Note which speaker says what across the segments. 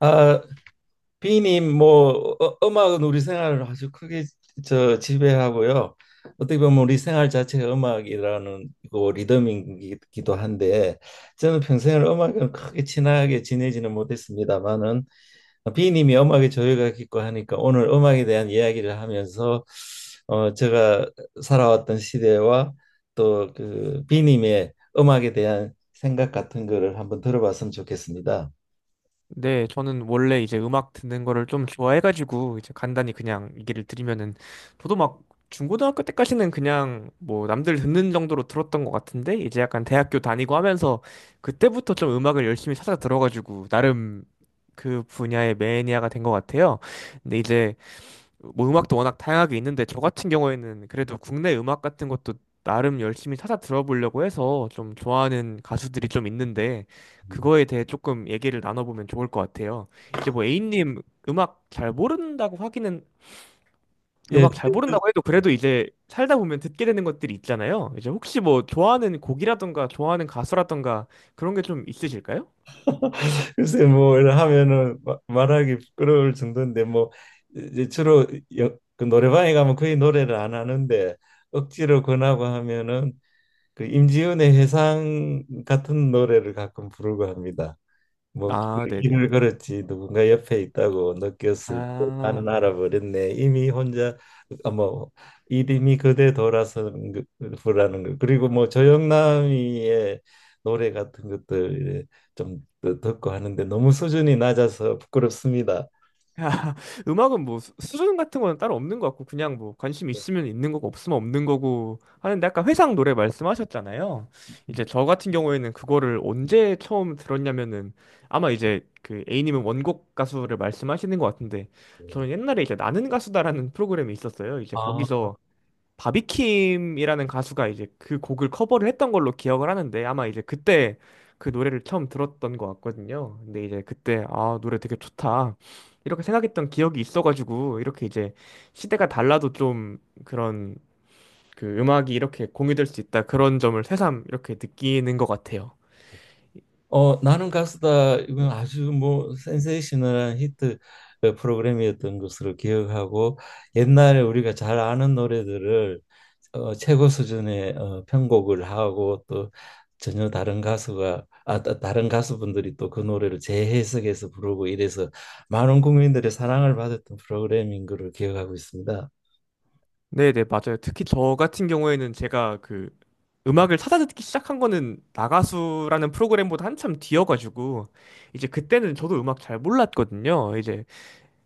Speaker 1: 아, 비님 뭐 음악은 우리 생활을 아주 크게 저 지배하고요. 어떻게 보면 우리 생활 자체가 음악이라는 그 리듬이기도 한데 저는 평생을 음악은 크게 친하게 지내지는 못했습니다만은 비님이 음악에 조예가 깊고 하니까 오늘 음악에 대한 이야기를 하면서 제가 살아왔던 시대와 또 그 비님의 음악에 대한 생각 같은 거를 한번 들어봤으면 좋겠습니다.
Speaker 2: 네, 저는 원래 이제 음악 듣는 거를 좀 좋아해가지고 이제 간단히 그냥 얘기를 드리면은 저도 막 중고등학교 때까지는 그냥 뭐 남들 듣는 정도로 들었던 것 같은데 이제 약간 대학교 다니고 하면서 그때부터 좀 음악을 열심히 찾아 들어가지고 나름 그 분야의 매니아가 된 것 같아요. 근데 이제 뭐 음악도 워낙 다양하게 있는데 저 같은 경우에는 그래도 국내 음악 같은 것도 나름 열심히 찾아 들어보려고 해서 좀 좋아하는 가수들이 좀 있는데
Speaker 1: 음.
Speaker 2: 그거에 대해 조금 얘기를 나눠보면 좋을 것 같아요. 이제 뭐 A님 음악 잘 모른다고 하기는,
Speaker 1: 예.
Speaker 2: 음악 잘 모른다고 해도 그래도 이제 살다 보면 듣게 되는 것들이 있잖아요. 이제 혹시 뭐 좋아하는 곡이라던가 좋아하는 가수라던가 그런 게 좀 있으실까요?
Speaker 1: 글쎄 뭐 이런 하면은 말하기 부끄러울 정도인데 뭐 이제 주로 그 노래방에 가면 거의 노래를 안 하는데 억지로 권하고 하면은 그 임지은의 회상 같은 노래를 가끔 부르고 합니다. 뭐
Speaker 2: 아, 네네.
Speaker 1: 길을 걸었지 누군가 옆에 있다고 느꼈을 때
Speaker 2: 아,
Speaker 1: 나는 알아버렸네 이미 혼자. 아, 뭐 이름이 그대 돌아선 거라는 거, 그리고 뭐 조영남이의 노래 같은 것들 좀 듣고 하는데 너무 수준이 낮아서 부끄럽습니다.
Speaker 2: 음악은 뭐 수준 같은 건 따로 없는 것 같고 그냥 뭐 관심 있으면 있는 거고 없으면 없는 거고 하는데, 아까 회상 노래 말씀하셨잖아요.
Speaker 1: 네.
Speaker 2: 이제 저 같은 경우에는 그거를 언제 처음 들었냐면은 아마 이제 그 A님은 원곡 가수를 말씀하시는 것 같은데, 저는 옛날에 이제 나는 가수다라는 프로그램이 있었어요. 이제
Speaker 1: 아.
Speaker 2: 거기서 바비킴이라는 가수가 이제 그 곡을 커버를 했던 걸로 기억을 하는데, 아마 이제 그때 그 노래를 처음 들었던 것 같거든요. 근데 이제 그때 아, 노래 되게 좋다, 이렇게 생각했던 기억이 있어가지고 이렇게 이제 시대가 달라도 좀 그런 그 음악이 이렇게 공유될 수 있다, 그런 점을 새삼 이렇게 느끼는 것 같아요.
Speaker 1: 나는 가수다 이건 아주 뭐 센세이셔널한 히트, 프로그램이었던 것으로 기억하고 옛날에 우리가 잘 아는 노래들을 최고 수준의 편곡을 하고, 또 전혀 다른 다른 가수분들이 또 그 노래를 재해석해서 부르고 이래서 많은 국민들의 사랑을 받았던 프로그램인 걸로 기억하고 있습니다.
Speaker 2: 네네, 맞아요. 특히 저 같은 경우에는 제가 그 음악을 찾아 듣기 시작한 거는 나가수라는 프로그램보다 한참 뒤여가지고 이제 그때는 저도 음악 잘 몰랐거든요. 이제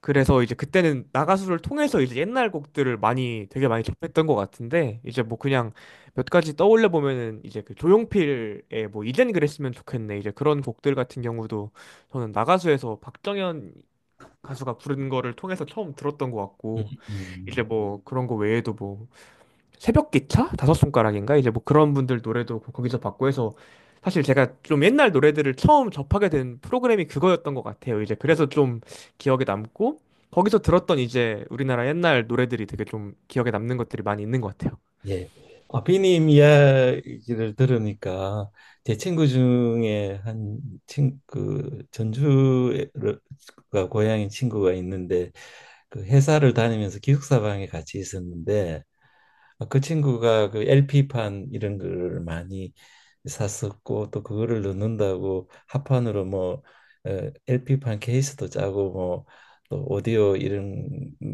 Speaker 2: 그래서 이제 그때는 나가수를 통해서 이제 옛날 곡들을 많이 되게 많이 접했던 것 같은데, 이제 뭐 그냥 몇 가지 떠올려 보면은 이제 그 조용필의 뭐 이젠 그랬으면 좋겠네 이제 그런 곡들 같은 경우도 저는 나가수에서 박정현 가수가 부른 거를 통해서 처음 들었던 것
Speaker 1: 음.
Speaker 2: 같고, 이제
Speaker 1: 음.
Speaker 2: 뭐 그런 거 외에도 뭐 새벽 기차? 다섯 손가락인가? 이제 뭐 그런 분들 노래도 거기서 봤고 해서 사실 제가 좀 옛날 노래들을 처음 접하게 된 프로그램이 그거였던 것 같아요. 이제 그래서 좀 기억에 남고, 거기서 들었던 이제 우리나라 옛날 노래들이 되게 좀 기억에 남는 것들이 많이 있는 것 같아요.
Speaker 1: 예. 아, 비님 이야기를 들으니까 제 친구 중에 한 그 전주가 고향인 친구가 있는데, 그 회사를 다니면서 기숙사방에 같이 있었는데, 그 친구가 그 LP판 이런 걸 많이 샀었고 또 그거를 넣는다고 합판으로 뭐 LP판 케이스도 짜고 뭐 또 오디오 이런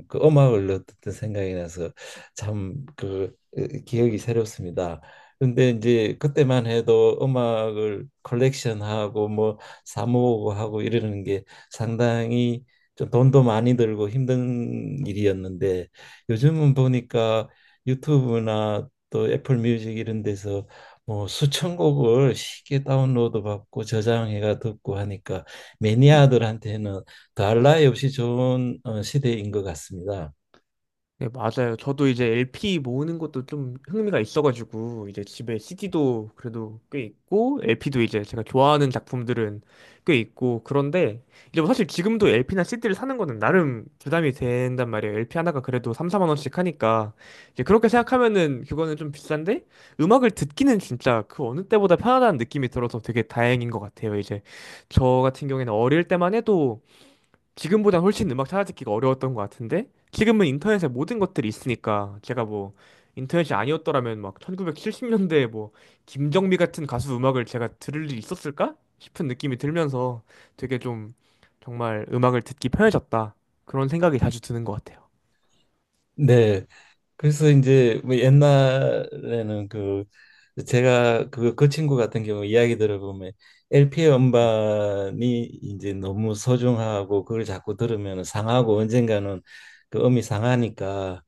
Speaker 1: 그 음악을 넣었던 생각이 나서 참그 기억이 새롭습니다. 근데 이제 그때만 해도 음악을 컬렉션하고 뭐 사모으고 하고 이러는 게 상당히 좀 돈도 많이 들고 힘든 일이었는데, 요즘은 보니까 유튜브나 또 애플 뮤직 이런 데서 뭐 수천 곡을 쉽게 다운로드 받고 저장해가 듣고 하니까 매니아들한테는 더할 나위 없이 좋은 시대인 것 같습니다.
Speaker 2: 네, 맞아요. 저도 이제 LP 모으는 것도 좀 흥미가 있어가지고, 이제 집에 CD도 그래도 꽤 있고, LP도 이제 제가 좋아하는 작품들은 꽤 있고, 그런데, 이제 뭐 사실 지금도 LP나 CD를 사는 거는 나름 부담이 된단 말이에요. LP 하나가 그래도 3, 4만 원씩 하니까. 이제 그렇게 생각하면은 그거는 좀 비싼데, 음악을 듣기는 진짜 그 어느 때보다 편하다는 느낌이 들어서 되게 다행인 것 같아요. 이제 저 같은 경우에는 어릴 때만 해도, 지금보다 훨씬 음악 찾아듣기가 어려웠던 것 같은데, 지금은 인터넷에 모든 것들이 있으니까 제가 뭐 인터넷이 아니었더라면 막 1970년대에 뭐 김정미 같은 가수 음악을 제가 들을 일이 있었을까 싶은 느낌이 들면서 되게 좀 정말 음악을 듣기 편해졌다 그런 생각이 자주 드는 것 같아요.
Speaker 1: 네. 그래서 이제 뭐 옛날에는 그, 제가 그 친구 같은 경우 이야기 들어보면 LP 음반이 이제 너무 소중하고 그걸 자꾸 들으면 상하고 언젠가는 그 음이 상하니까,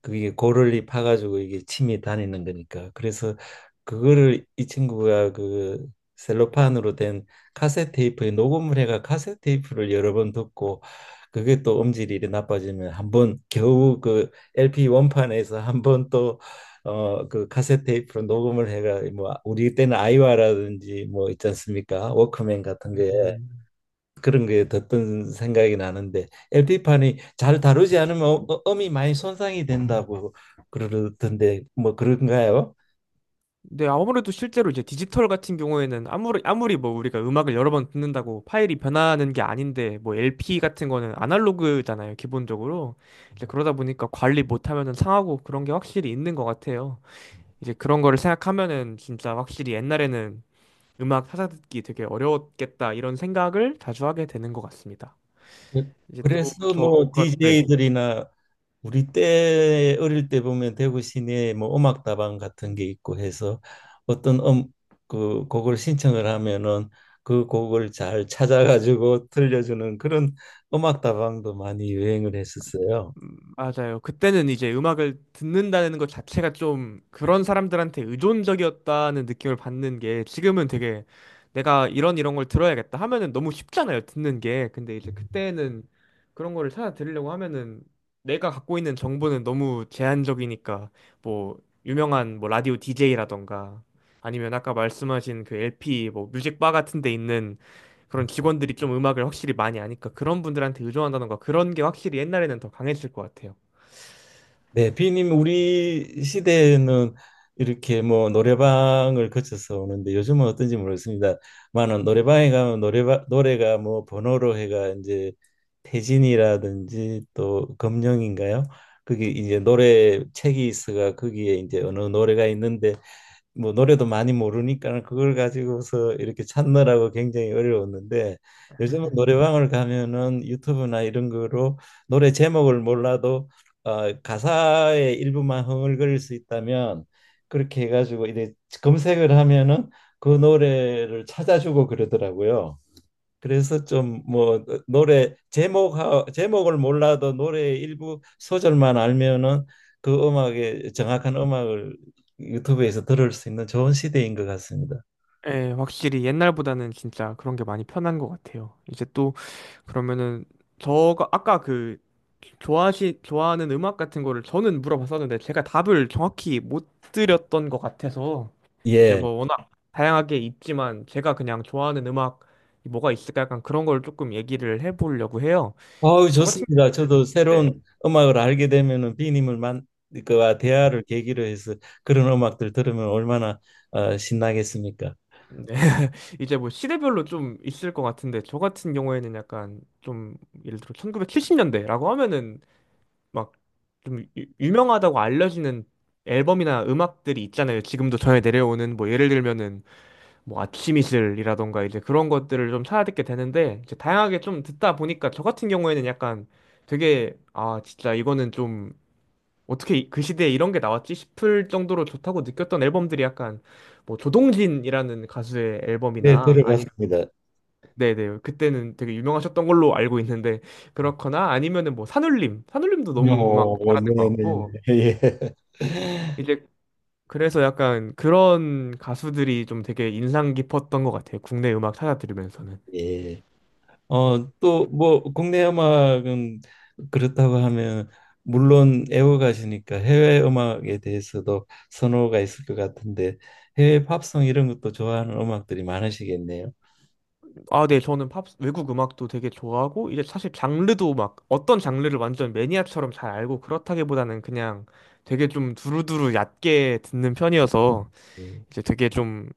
Speaker 1: 그게 고를리 파가지고 이게 침이 다니는 거니까. 그래서 그거를 이 친구가 그 셀로판으로 된 카세트 테이프에 녹음을 해가 카세트 테이프를 여러 번 듣고, 그게 또 음질이 이리 나빠지면 한번 겨우 그 LP 원판에서 한번 또 그 카세트 테이프로 녹음을 해가, 뭐 우리 때는 아이와라든지 뭐 있지 않습니까? 워크맨 같은 거에
Speaker 2: 음.
Speaker 1: 그런 게 듣던 생각이 나는데, LP판이 잘 다루지 않으면 음이 많이 손상이 된다고 그러던데 뭐 그런가요?
Speaker 2: 근데 아무래도 실제로 이제 디지털 같은 경우에는 아무리 뭐 우리가 음악을 여러 번 듣는다고 파일이 변하는 게 아닌데, 뭐 LP 같은 거는 아날로그잖아요, 기본적으로. 이제 그러다 보니까 관리 못하면은 상하고 그런 게 확실히 있는 것 같아요. 이제 그런 거를 생각하면은 진짜 확실히 옛날에는 음악 찾아 듣기 되게 어려웠겠다 이런 생각을 자주 하게 되는 것 같습니다.
Speaker 1: 네.
Speaker 2: 이제 또
Speaker 1: 그래서 뭐
Speaker 2: 저가 네.
Speaker 1: DJ들이나 우리 때 어릴 때 보면 대구 시내에 뭐 음악다방 같은 게 있고 해서, 어떤 그 곡을 신청을 하면은 그 곡을 잘 찾아가지고 들려주는 그런 음악다방도 많이 유행을 했었어요.
Speaker 2: 맞아요. 그때는 이제 음악을 듣는다는 것 자체가 좀 그런 사람들한테 의존적이었다는 느낌을 받는 게, 지금은 되게 내가 이런 걸 들어야겠다 하면은 너무 쉽잖아요, 듣는 게. 근데 이제
Speaker 1: 네.
Speaker 2: 그때는 그런 거를 찾아 들으려고 하면은 내가 갖고 있는 정보는 너무 제한적이니까 뭐 유명한 뭐 라디오 DJ라던가 아니면 아까 말씀하신 그 LP 뭐 뮤직바 같은 데 있는 그런 직원들이 좀 음악을 확실히 많이 아니까 그런 분들한테 의존한다는 거, 그런 게 확실히 옛날에는 더 강했을 것 같아요.
Speaker 1: 네, 비님 우리 시대에는 이렇게 뭐 노래방을 거쳐서 오는데 요즘은 어떤지 모르겠습니다만은, 노래방에 가면 노래방 노래가 뭐 번호로 해가, 이제 태진이라든지 또 검령인가요? 그게 이제 노래 책이 있어가 거기에 이제 어느 노래가 있는데 뭐 노래도 많이 모르니까 그걸 가지고서 이렇게 찾느라고 굉장히 어려웠는데, 요즘은 노래방을 가면은 유튜브나 이런 거로 노래 제목을 몰라도 가사의 일부만 흥얼거릴 수 있다면 그렇게 해가지고 이제 검색을 하면은 그 노래를 찾아주고 그러더라고요. 그래서 좀 뭐 노래 제목을 몰라도 노래의 일부 소절만 알면은 그 음악의 정확한 음악을 유튜브에서 들을 수 있는 좋은 시대인 것 같습니다.
Speaker 2: 예, 확실히 옛날보다는 진짜 그런 게 많이 편한 것 같아요. 이제 또 그러면은 저가 아까 그 좋아하시 좋아하는 음악 같은 거를 저는 물어봤었는데 제가 답을 정확히 못 드렸던 것 같아서 이제
Speaker 1: 예.
Speaker 2: 뭐 워낙 다양하게 있지만 제가 그냥 좋아하는 음악 이 뭐가 있을까 약간 그런 걸 조금 얘기를 해보려고 해요.
Speaker 1: 아우,
Speaker 2: 이제 저 같은
Speaker 1: 좋습니다.
Speaker 2: 경우에는
Speaker 1: 저도
Speaker 2: 네.
Speaker 1: 새로운 음악을 알게 되면은 비님을 만 그와 대화를 계기로 해서 그런 음악들 들으면 얼마나 신나겠습니까?
Speaker 2: 네. 이제 뭐 시대별로 좀 있을 것 같은데 저 같은 경우에는 약간 좀 예를 들어 1970년대라고 하면은 막 좀 유명하다고 알려지는 앨범이나 음악들이 있잖아요. 지금도 전해 내려오는 뭐 예를 들면은 뭐 아침이슬이라던가 이제 그런 것들을 좀 찾아 듣게 되는데, 이제 다양하게 좀 듣다 보니까 저 같은 경우에는 약간 되게, 아 진짜 이거는 좀 어떻게 그 시대에 이런 게 나왔지 싶을 정도로 좋다고 느꼈던 앨범들이 약간 뭐 조동진이라는 가수의
Speaker 1: 네,
Speaker 2: 앨범이나,
Speaker 1: 들어봤습니다.
Speaker 2: 네네. 그때는 되게 유명하셨던 걸로 알고 있는데, 그렇거나 아니면은 뭐 산울림. 산울림도 너무 음악
Speaker 1: 어,
Speaker 2: 잘하는 것
Speaker 1: 네네네.
Speaker 2: 같고,
Speaker 1: 예.
Speaker 2: 이제 그래서 약간 그런 가수들이 좀 되게 인상 깊었던 것 같아요, 국내 음악 찾아 들으면서는.
Speaker 1: 예. 또 뭐 국내 음악은 그렇다고 하면, 물론 애호가시니까 해외 음악에 대해서도 선호가 있을 것 같은데, 해외 팝송 이런 것도 좋아하는 음악들이 많으시겠네요.
Speaker 2: 아, 네. 저는 팝, 외국 음악도 되게 좋아하고, 이제 사실 장르도 막 어떤 장르를 완전 매니아처럼 잘 알고 그렇다기보다는 그냥 되게 좀 두루두루 얕게 듣는 편이어서
Speaker 1: 음,
Speaker 2: 이제 되게 좀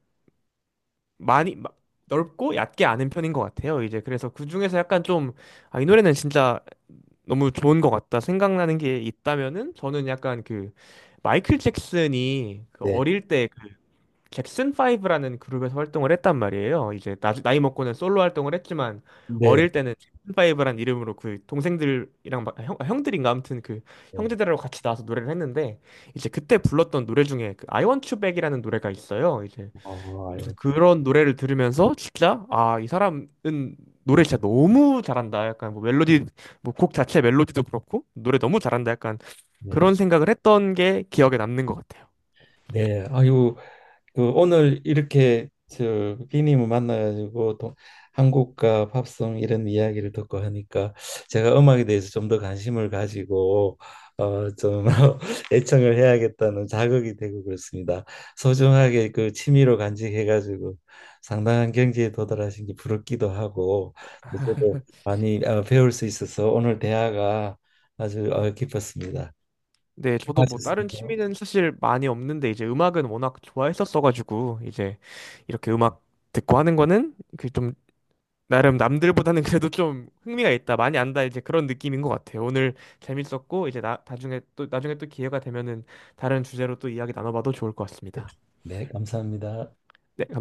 Speaker 2: 많이 마- 넓고 얕게 아는 편인 것 같아요. 이제 그래서 그 중에서 약간 좀, 아, 이 노래는 진짜 너무 좋은 것 같다 생각나는 게 있다면은, 저는 약간 그 마이클 잭슨이 그
Speaker 1: 네,
Speaker 2: 어릴 때그 잭슨 파이브라는 그룹에서 활동을 했단 말이에요. 이제 나이 먹고는 솔로 활동을 했지만,
Speaker 1: 네,
Speaker 2: 어릴 때는 잭슨 파브라는 이름으로 그 동생들이랑 형들인가 아무튼 그
Speaker 1: 네.
Speaker 2: 형제들하고 같이 나와서 노래를 했는데 이제 그때 불렀던 노래 중에 그 I Want You Back이라는 노래가 있어요. 이제
Speaker 1: 어, 아유,
Speaker 2: 그래서 그런 노래를 들으면서 진짜, 아, 이 사람은 노래 진짜 너무 잘한다. 약간 뭐 멜로디, 뭐 곡 자체 멜로디도 그렇고 노래 너무 잘한다, 약간
Speaker 1: 네,
Speaker 2: 그런 생각을 했던 게 기억에 남는 것 같아요.
Speaker 1: 네, 아유, 그 오늘 이렇게 저 비님을 만나가지고 한국과 팝송 이런 이야기를 듣고 하니까 제가 음악에 대해서 좀 더 관심을 가지고 어좀 애청을 해야겠다는 자극이 되고 그렇습니다. 소중하게 그 취미로 간직해가지고 상당한 경지에 도달하신 게 부럽기도 하고, 저도 많이 배울 수 있어서 오늘 대화가 아주 깊었습니다.
Speaker 2: 네,
Speaker 1: 고
Speaker 2: 저도
Speaker 1: 맙
Speaker 2: 뭐
Speaker 1: 습니
Speaker 2: 다른
Speaker 1: 다
Speaker 2: 취미는 사실 많이 없는데 이제 음악은 워낙 좋아했었어가지고 이제 이렇게 음악 듣고 하는 거는 그 좀 나름 남들보다는 그래도 좀 흥미가 있다, 많이 안다 이제 그런 느낌인 것 같아요. 오늘 재밌었고 이제 나 나중에 또 나중에 또 기회가 되면은 다른 주제로 또 이야기 나눠봐도 좋을 것 같습니다.
Speaker 1: 네, 감사합니다.
Speaker 2: 네, 감사합니다.